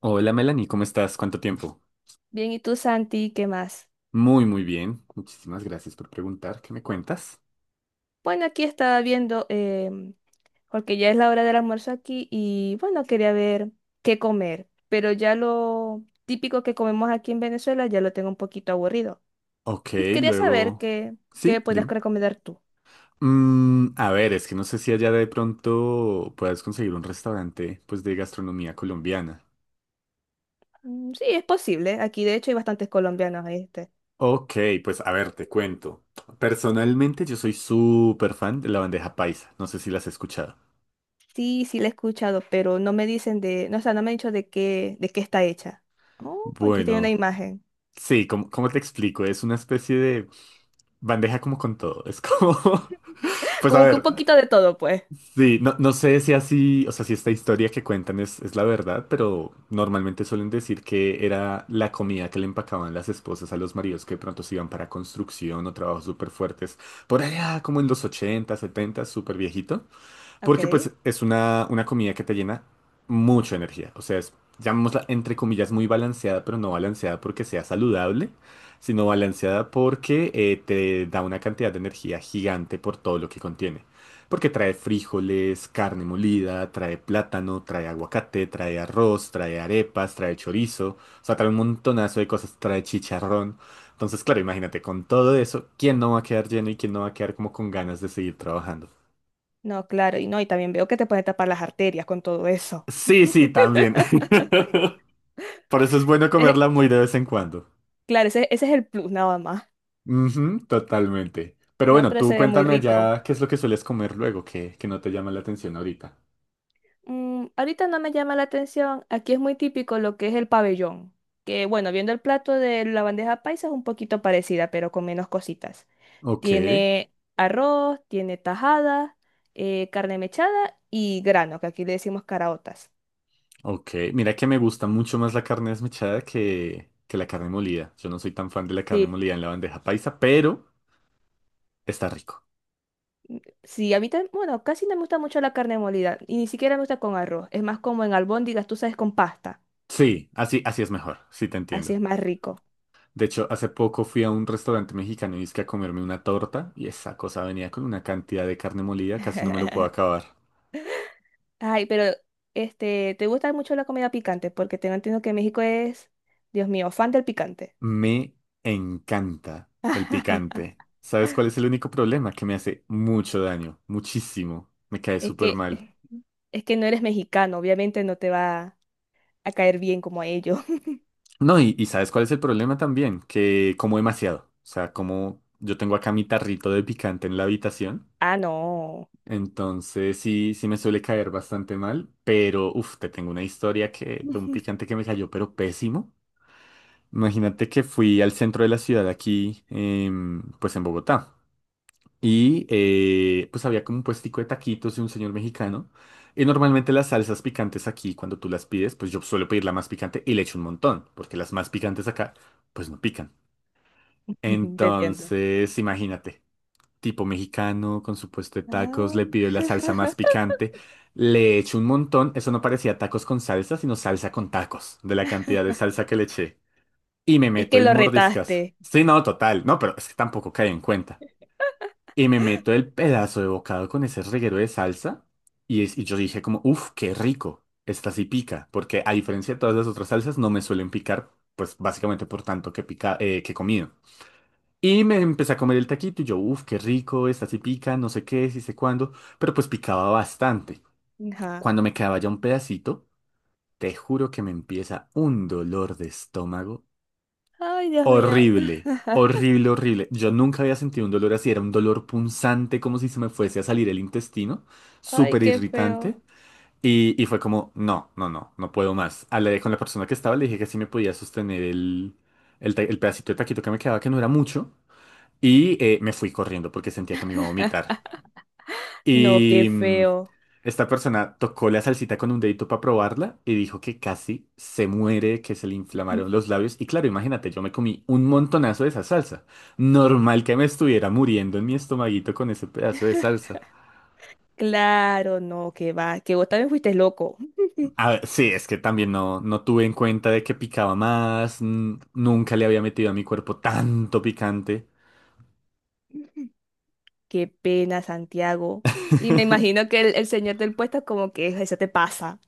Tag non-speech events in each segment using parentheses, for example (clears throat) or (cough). Hola Melanie, ¿cómo estás? ¿Cuánto tiempo? Bien, ¿y tú, Santi, qué más? Muy, muy bien. Muchísimas gracias por preguntar. ¿Qué me cuentas? Bueno, aquí estaba viendo, porque ya es la hora del almuerzo aquí y bueno, quería ver qué comer, pero ya lo típico que comemos aquí en Venezuela ya lo tengo un poquito aburrido. Ok, Y quería saber luego... qué, qué Sí, podrías dime. recomendar tú. A ver, es que no sé si allá de pronto puedas conseguir un restaurante pues de gastronomía colombiana. Mm, sí, es posible. Aquí de hecho hay bastantes colombianos, este. Ok, pues a ver, te cuento. Personalmente yo soy súper fan de la bandeja paisa. No sé si las has escuchado. Sí, sí, la he escuchado, pero no me dicen de, no, o sea, no me han dicho de qué está hecha. Oh, aquí estoy una Bueno, imagen. sí, ¿cómo te explico. Es una especie de bandeja como con todo. Es como... (laughs) (laughs) Pues a Como que un ver. poquito de todo, pues. Sí, no, no sé si así, o sea, si esta historia que cuentan es la verdad, pero normalmente suelen decir que era la comida que le empacaban las esposas a los maridos que de pronto se iban para construcción o trabajos súper fuertes. Por allá, como en los 80, 70, súper viejito. Porque pues Ok. es una comida que te llena mucha energía. O sea, es, llamémosla entre comillas muy balanceada, pero no balanceada porque sea saludable, sino balanceada porque te da una cantidad de energía gigante por todo lo que contiene. Porque trae frijoles, carne molida, trae plátano, trae aguacate, trae arroz, trae arepas, trae chorizo. O sea, trae un montonazo de cosas, trae chicharrón. Entonces, claro, imagínate, con todo eso, ¿quién no va a quedar lleno y quién no va a quedar como con ganas de seguir trabajando? No, claro, y no, y también veo que te pueden tapar las arterias con todo eso. Sí, sí, también. (laughs) Por eso es bueno Eh, comerla muy de vez en cuando. claro, ese es el plus nada más. Ujú, totalmente. Pero No, bueno, pero tú se ve muy cuéntame rico. allá qué es lo que sueles comer luego, que no te llama la atención ahorita. Mm, ahorita no me llama la atención. Aquí es muy típico lo que es el pabellón. Que bueno, viendo el plato de la bandeja paisa es un poquito parecida, pero con menos cositas. Ok, Tiene arroz, tiene tajada, carne mechada y grano, que aquí le decimos caraotas. ok. Mira que me gusta mucho más la carne desmechada que la carne molida. Yo no soy tan fan de la carne Sí. molida en la bandeja paisa, pero está rico. Sí, a mí también, bueno, casi no me gusta mucho la carne molida y ni siquiera me gusta con arroz. Es más como en albóndigas, tú sabes, con pasta. Sí, así, así es mejor. Sí, te Así entiendo. es más rico. De hecho, hace poco fui a un restaurante mexicano y dizque a comerme una torta y esa cosa venía con una cantidad de carne molida, casi no me lo puedo (laughs) acabar. Ay, pero este, ¿te gusta mucho la comida picante? Porque tengo entendido que México es, Dios mío, fan del picante. Me encanta el picante. (laughs) ¿Sabes cuál es el único problema? Que me hace mucho daño, muchísimo. Me cae Es súper que, mal. es que no eres mexicano, obviamente no te va a caer bien como a ellos. (laughs) No, y ¿sabes cuál es el problema también? Que como demasiado. O sea, como yo tengo acá mi tarrito de picante en la habitación. Ah, no. Entonces sí, sí me suele caer bastante mal. Pero, uff, te tengo una historia que, de un (laughs) picante que me cayó, pero pésimo. Imagínate que fui al centro de la ciudad aquí, pues en Bogotá. Y pues había como un puestico de taquitos de un señor mexicano. Y normalmente las salsas picantes aquí, cuando tú las pides, pues yo suelo pedir la más picante y le echo un montón, porque las más picantes acá, pues no pican. Te entiendo. Entonces, imagínate, tipo mexicano con su puesto de tacos, Ah, le pido la salsa más picante, le echo un montón. Eso no parecía tacos con salsa, sino salsa con tacos, de la cantidad de salsa que le eché. Y me es meto que el lo mordiscazo. retaste. Sí, no, total, no, pero es que tampoco cae en cuenta. Y me meto el pedazo de bocado con ese reguero de salsa. Y, y yo dije como, uff, qué rico. Esta sí pica. Porque a diferencia de todas las otras salsas, no me suelen picar. Pues básicamente por tanto que pica, que he comido. Y me empecé a comer el taquito y yo, uff, qué rico, esta sí pica, no sé qué, sí sé cuándo. Pero pues picaba bastante. (laughs) Ajá. Cuando me quedaba ya un pedacito, te juro que me empieza un dolor de estómago Ay, Dios mío. horrible, horrible, horrible. Yo nunca había sentido un dolor así, era un dolor punzante como si se me fuese a salir el intestino, Ay, súper qué feo. irritante. Y fue como, no, no, no, no puedo más. Hablé con la persona que estaba, le dije que sí me podía sostener el pedacito de taquito que me quedaba, que no era mucho, y me fui corriendo porque sentía que me iba a vomitar. No, qué Y feo. esta persona tocó la salsita con un dedito para probarla y dijo que casi se muere, que se le inflamaron los labios. Y claro, imagínate, yo me comí un montonazo de esa salsa. Normal que me estuviera muriendo en mi estomaguito con ese pedazo de salsa. Claro, no, que va, que vos también fuiste loco. (laughs) A ver, sí, es que también no, no tuve en cuenta de que picaba más. Nunca le había metido a mi cuerpo tanto picante. Qué pena, Santiago. Y me (laughs) imagino que el señor del puesto como que eso te pasa.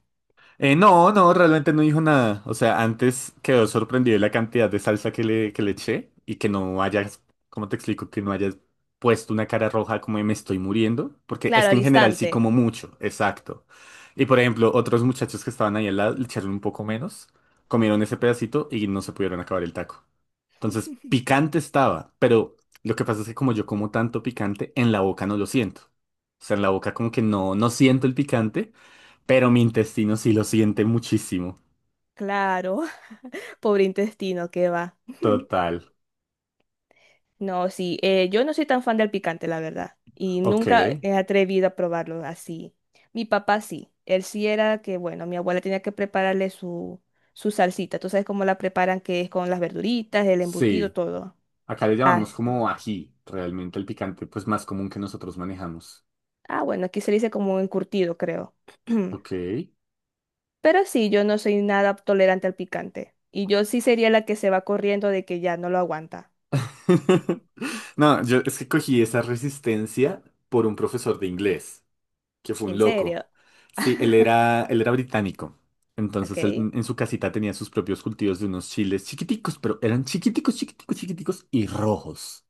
No, no, realmente no dijo nada. O sea, antes quedó sorprendido de la cantidad de salsa que le eché y que no hayas, ¿cómo te explico? Que no hayas puesto una cara roja como de me estoy muriendo. Porque es Claro, que al en general sí instante. como mucho, exacto. Y por ejemplo, otros muchachos que estaban ahí al lado le echaron un poco menos, comieron ese pedacito y no se pudieron acabar el taco. Entonces, picante estaba, pero lo que pasa es que como yo como tanto picante, en la boca no lo siento. O sea, en la boca como que no, no siento el picante. Pero mi intestino sí lo siente muchísimo. Claro, (laughs) pobre intestino, qué va. (laughs) Total. No, sí, yo no soy tan fan del picante, la verdad, y Ok. nunca he atrevido a probarlo así. Mi papá sí, él sí era que, bueno, mi abuela tenía que prepararle su, su salsita, tú sabes cómo la preparan, que es con las verduritas, el embutido, Sí. todo. Acá le llamamos Así. como ají. Realmente el picante, pues más común que nosotros manejamos. Ah, bueno, aquí se le dice como encurtido, creo. Ok. (clears throat) Pero sí, yo no soy nada tolerante al picante, y yo sí sería la que se va corriendo de que ya no lo aguanta. (laughs) Ujú. (laughs) No, yo es que cogí esa resistencia por un profesor de inglés, que fue un ¿En loco. serio? Sí, (laughs) él era británico. Entonces él Ok. en su casita tenía sus propios cultivos de unos chiles chiquiticos, pero eran chiquiticos, chiquiticos, chiquiticos y rojos.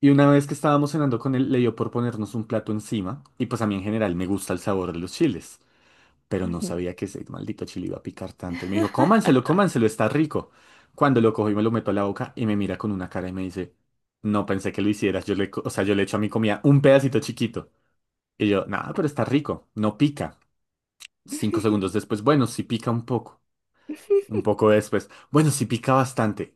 Y una vez que estábamos cenando con él, le dio por ponernos un plato encima, y pues a mí en general me gusta el sabor de los chiles, pero no sabía que ese maldito chile iba a picar tanto. Y me dijo, cómanselo, cómanselo, está rico. Cuando lo cojo y me lo meto a la boca y me mira con una cara y me dice, no pensé que lo hicieras, yo le, o sea, yo le echo a mi comida un pedacito chiquito. Y yo, nada, pero está rico, no pica. 5 segundos después, bueno, sí pica un poco. Un (laughs) poco después, bueno, sí pica bastante.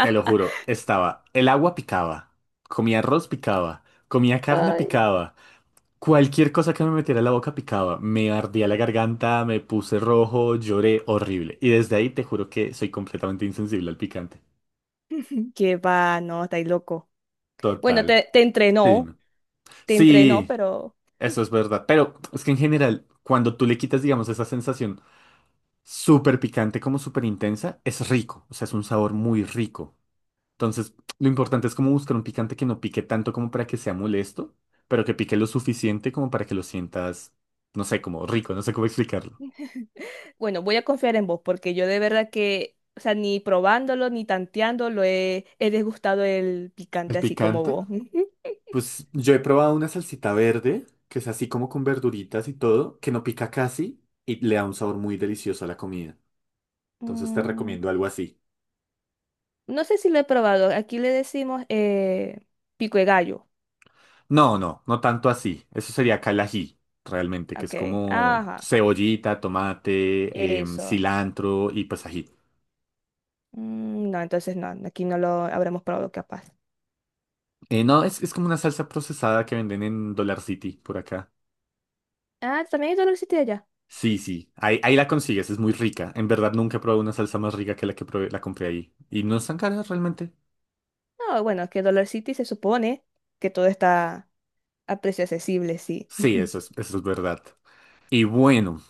Te lo juro, estaba, el agua picaba, comía arroz picaba, comía carne (laughs) (laughs) picaba, cualquier cosa que me metiera en la boca picaba, me ardía la garganta, me puse rojo, lloré horrible. Y desde ahí te juro que soy completamente insensible al picante. Que va, no, estáis loco. Bueno, Total. te, Sí, no. te entrenó, Sí, pero eso es verdad. Pero es que en general, cuando tú le quitas, digamos, esa sensación súper picante como súper intensa, es rico. O sea, es un sabor muy rico. Entonces, lo importante es como buscar un picante que no pique tanto como para que sea molesto, pero que pique lo suficiente como para que lo sientas, no sé, como rico, no sé cómo explicarlo. bueno, voy a confiar en vos porque yo de verdad que, o sea, ni probándolo ni tanteándolo he, he degustado el picante El así como picante, vos. (laughs) pues yo he probado una salsita verde, que es así como con verduritas y todo, que no pica casi y le da un sabor muy delicioso a la comida. Entonces te Mm, recomiendo algo así. no sé si lo he probado. Aquí le decimos pico de gallo. No, no, no tanto así. Eso sería calají, realmente, que es Ok. como Ajá. cebollita, tomate, Eso. cilantro y pues ají. Mm, no, entonces no. Aquí no lo habremos probado capaz. No, es como una salsa procesada que venden en Dollar City por acá. Ah, también hay Dollar City allá. Sí, sí, ahí, ahí la consigues, es muy rica. En verdad nunca he probado una salsa más rica que la que probé- la compré ahí. Y no es tan cara realmente. No, bueno, es que Dollar City se supone que todo está a precio accesible, sí. Sí, (laughs) eso es verdad. Y bueno,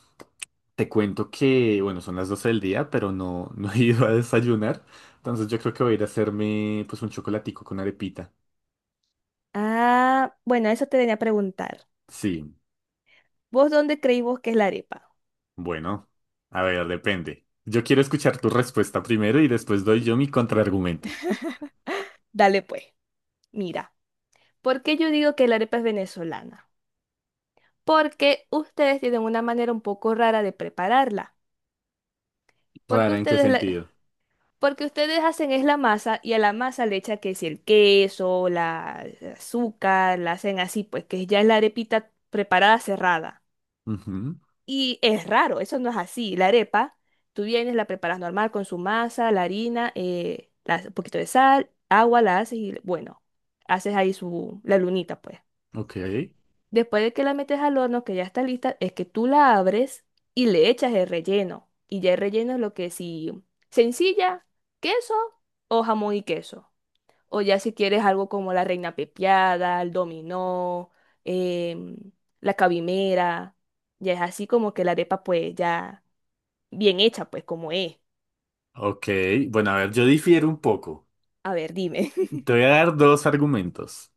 te cuento que, bueno, son las 12 del día, pero no, (laughs) no he ido a desayunar. Entonces yo creo que voy a ir a hacerme pues un chocolatico con arepita. Ah, bueno, eso te venía a preguntar. Sí, ¿Vos dónde creí vos que es la arepa? bueno, a ver, depende. Yo quiero escuchar tu respuesta primero y después doy yo mi contraargumento. Dale pues. Mira, ¿por qué yo digo que la arepa es venezolana? Porque ustedes tienen una manera un poco rara de prepararla. Porque Rara, ¿en qué ustedes la- sentido? porque ustedes hacen es la masa y a la masa le echan que es el queso, la el azúcar, la hacen así, pues que ya es la arepita preparada cerrada. Ujú. Y es raro, eso no es así. La arepa, tú vienes, la preparas normal con su masa, la harina, la- un poquito de sal, agua, la haces y bueno, haces ahí su, la lunita, pues. Ok, Después de que la metes al horno, que ya está lista, es que tú la abres y le echas el relleno. Y ya el relleno es lo que si sencilla, queso o jamón y queso. O ya si quieres algo como la reina pepiada, el dominó, em, la cabimera. Ya es así como que la arepa pues ya bien hecha pues como es. ok. Bueno, a ver, yo difiero un poco. A ver, dime. (laughs) Te voy a dar dos argumentos.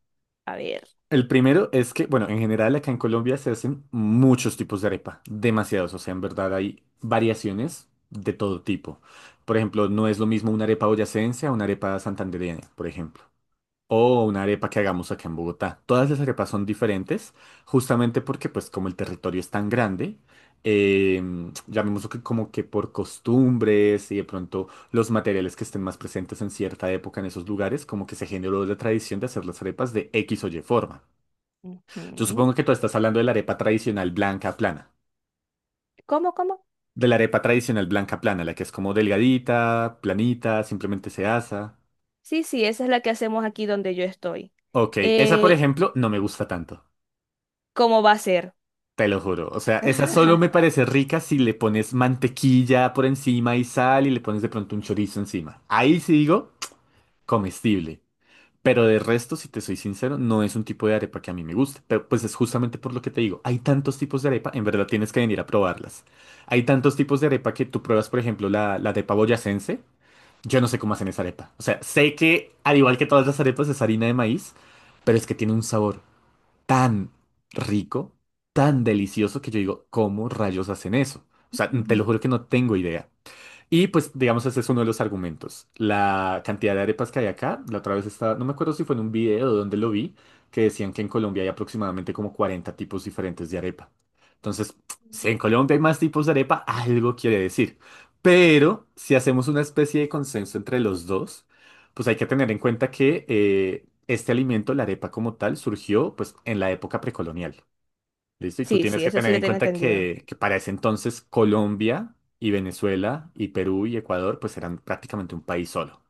A ver. El primero es que, bueno, en general acá en Colombia se hacen muchos tipos de arepa, demasiados. O sea, en verdad hay variaciones de todo tipo. Por ejemplo, no es lo mismo una arepa boyacense a una arepa santandereana, por ejemplo. O una arepa que hagamos acá en Bogotá. Todas las arepas son diferentes, justamente porque, pues, como el territorio es tan grande, eh, llamémoslo que como que por costumbres y de pronto los materiales que estén más presentes en cierta época en esos lugares, como que se generó la tradición de hacer las arepas de X o Y forma. Yo Ujú. supongo que tú estás hablando de la arepa tradicional blanca plana. ¿Cómo, cómo? De la arepa tradicional blanca plana, la que es como delgadita, planita, simplemente se asa. Sí, sí, esa es la que hacemos aquí donde yo estoy. Ok, esa por Eh, ejemplo no me gusta tanto. ¿Cómo va a ser? Te lo juro. O sea, esa solo (laughs) me parece rica si le pones mantequilla por encima y sal y le pones de pronto un chorizo encima. Ahí sí digo comestible. Pero de resto, si te soy sincero, no es un tipo de arepa que a mí me gusta. Pero pues es justamente por lo que te digo. Hay tantos tipos de arepa, en verdad tienes que venir a probarlas. Hay tantos tipos de arepa que tú pruebas, por ejemplo, la arepa boyacense. Yo no sé cómo hacen esa arepa. O sea, sé que al igual que todas las arepas es harina de maíz, pero es que tiene un sabor tan rico, tan delicioso que yo digo, ¿cómo rayos hacen eso? O sea, te Ujú. lo juro que no tengo idea. Y pues, digamos, ese es uno de los argumentos. La cantidad de arepas que hay acá, la otra vez estaba, no me acuerdo si fue en un video o donde lo vi, que decían que en Colombia hay aproximadamente como 40 tipos diferentes de arepa. Entonces, si en Colombia hay más tipos de arepa, algo quiere decir. Pero si hacemos una especie de consenso entre los dos, pues hay que tener en cuenta que este alimento, la arepa como tal, surgió pues en la época precolonial. Listo, y tú Sí, tienes sí, que eso sí tener lo en tengo cuenta entendido. que para ese entonces Colombia y Venezuela y Perú y Ecuador pues eran prácticamente un país solo.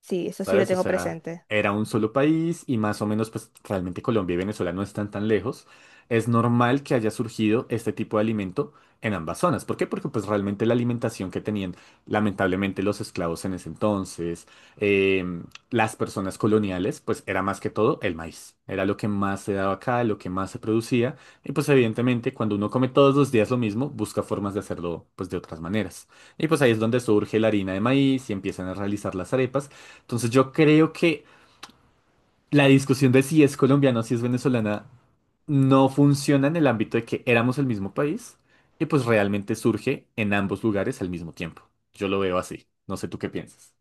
Sí, eso sí lo ¿Sabes? O tengo sea, presente. era un solo país y más o menos, pues realmente Colombia y Venezuela no están tan lejos. Es normal que haya surgido este tipo de alimento en ambas zonas. ¿Por qué? Porque pues realmente la alimentación que tenían lamentablemente los esclavos en ese entonces, em, las personas coloniales, pues era más que todo el maíz. Era lo que más se daba acá, lo que más se producía. Y pues evidentemente cuando uno come todos los días lo mismo, busca formas de hacerlo pues de otras maneras. Y pues ahí es donde surge la harina de maíz y empiezan a realizar las arepas. Entonces yo creo que la discusión de si es colombiana o si es venezolana no funciona en el ámbito de que éramos el mismo país y pues realmente surge en ambos lugares al mismo tiempo. Yo lo veo así. No sé tú qué piensas.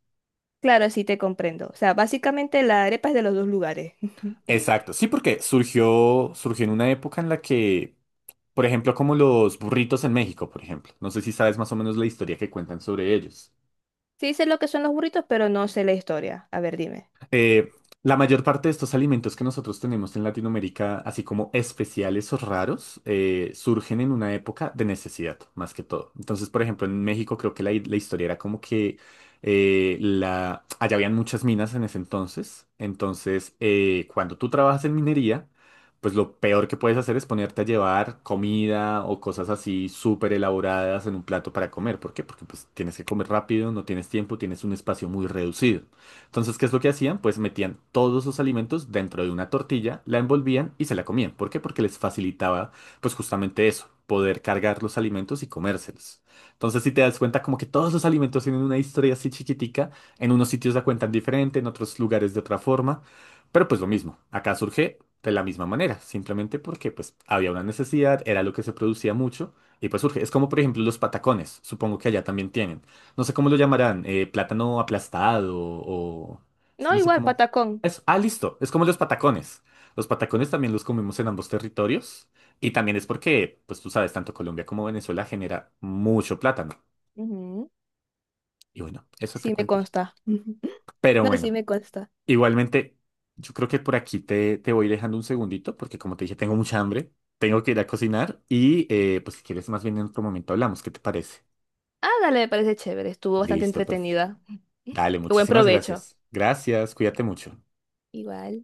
Claro, sí te comprendo. O sea, básicamente la arepa es de los dos lugares. (laughs) Exacto, sí, porque surgió en una época en la que, por ejemplo, como los burritos en México, por ejemplo. No sé si sabes más o menos la historia que cuentan sobre ellos. Sí sé lo que son los burritos, pero no sé la historia. A ver, dime. Eh, la mayor parte de estos alimentos que nosotros tenemos en Latinoamérica, así como especiales o raros, surgen en una época de necesidad, más que todo. Entonces, por ejemplo, en México creo que la historia era como que allá habían muchas minas en ese entonces. Entonces, cuando tú trabajas en minería, pues lo peor que puedes hacer es ponerte a llevar comida o cosas así súper elaboradas en un plato para comer. ¿Por qué? Porque pues tienes que comer rápido, no tienes tiempo, tienes un espacio muy reducido. Entonces, ¿qué es lo que hacían? Pues metían todos sus alimentos dentro de una tortilla, la envolvían y se la comían. ¿Por qué? Porque les facilitaba, pues justamente eso, poder cargar los alimentos y comérselos. Entonces, si te das cuenta, como que todos los alimentos tienen una historia así chiquitica, en unos sitios la cuentan diferente, en otros lugares de otra forma, pero pues lo mismo, acá surge de la misma manera, simplemente porque pues había una necesidad, era lo que se producía mucho y pues surge. Es como por ejemplo los patacones, supongo que allá también tienen. No sé cómo lo llamarán, plátano aplastado o... Es que No, no sé igual, cómo... patacón. Eso. Ah, listo, es como los patacones. Los patacones también los comemos en ambos territorios y también es porque, pues tú sabes, tanto Colombia como Venezuela genera mucho plátano. Ujú. Y bueno, eso te Sí me cuento yo. consta. (laughs) Pero No, sí bueno, me consta. igualmente, yo creo que por aquí te voy dejando un segundito porque como te dije, tengo mucha hambre, tengo que ir a cocinar y pues si quieres más bien en otro momento hablamos, ¿qué te parece? Ah, dale, me parece chévere. Estuvo bastante Listo, perfecto. entretenida. (laughs) Qué Dale, Buen muchísimas provecho. gracias. Gracias, cuídate mucho. Igual.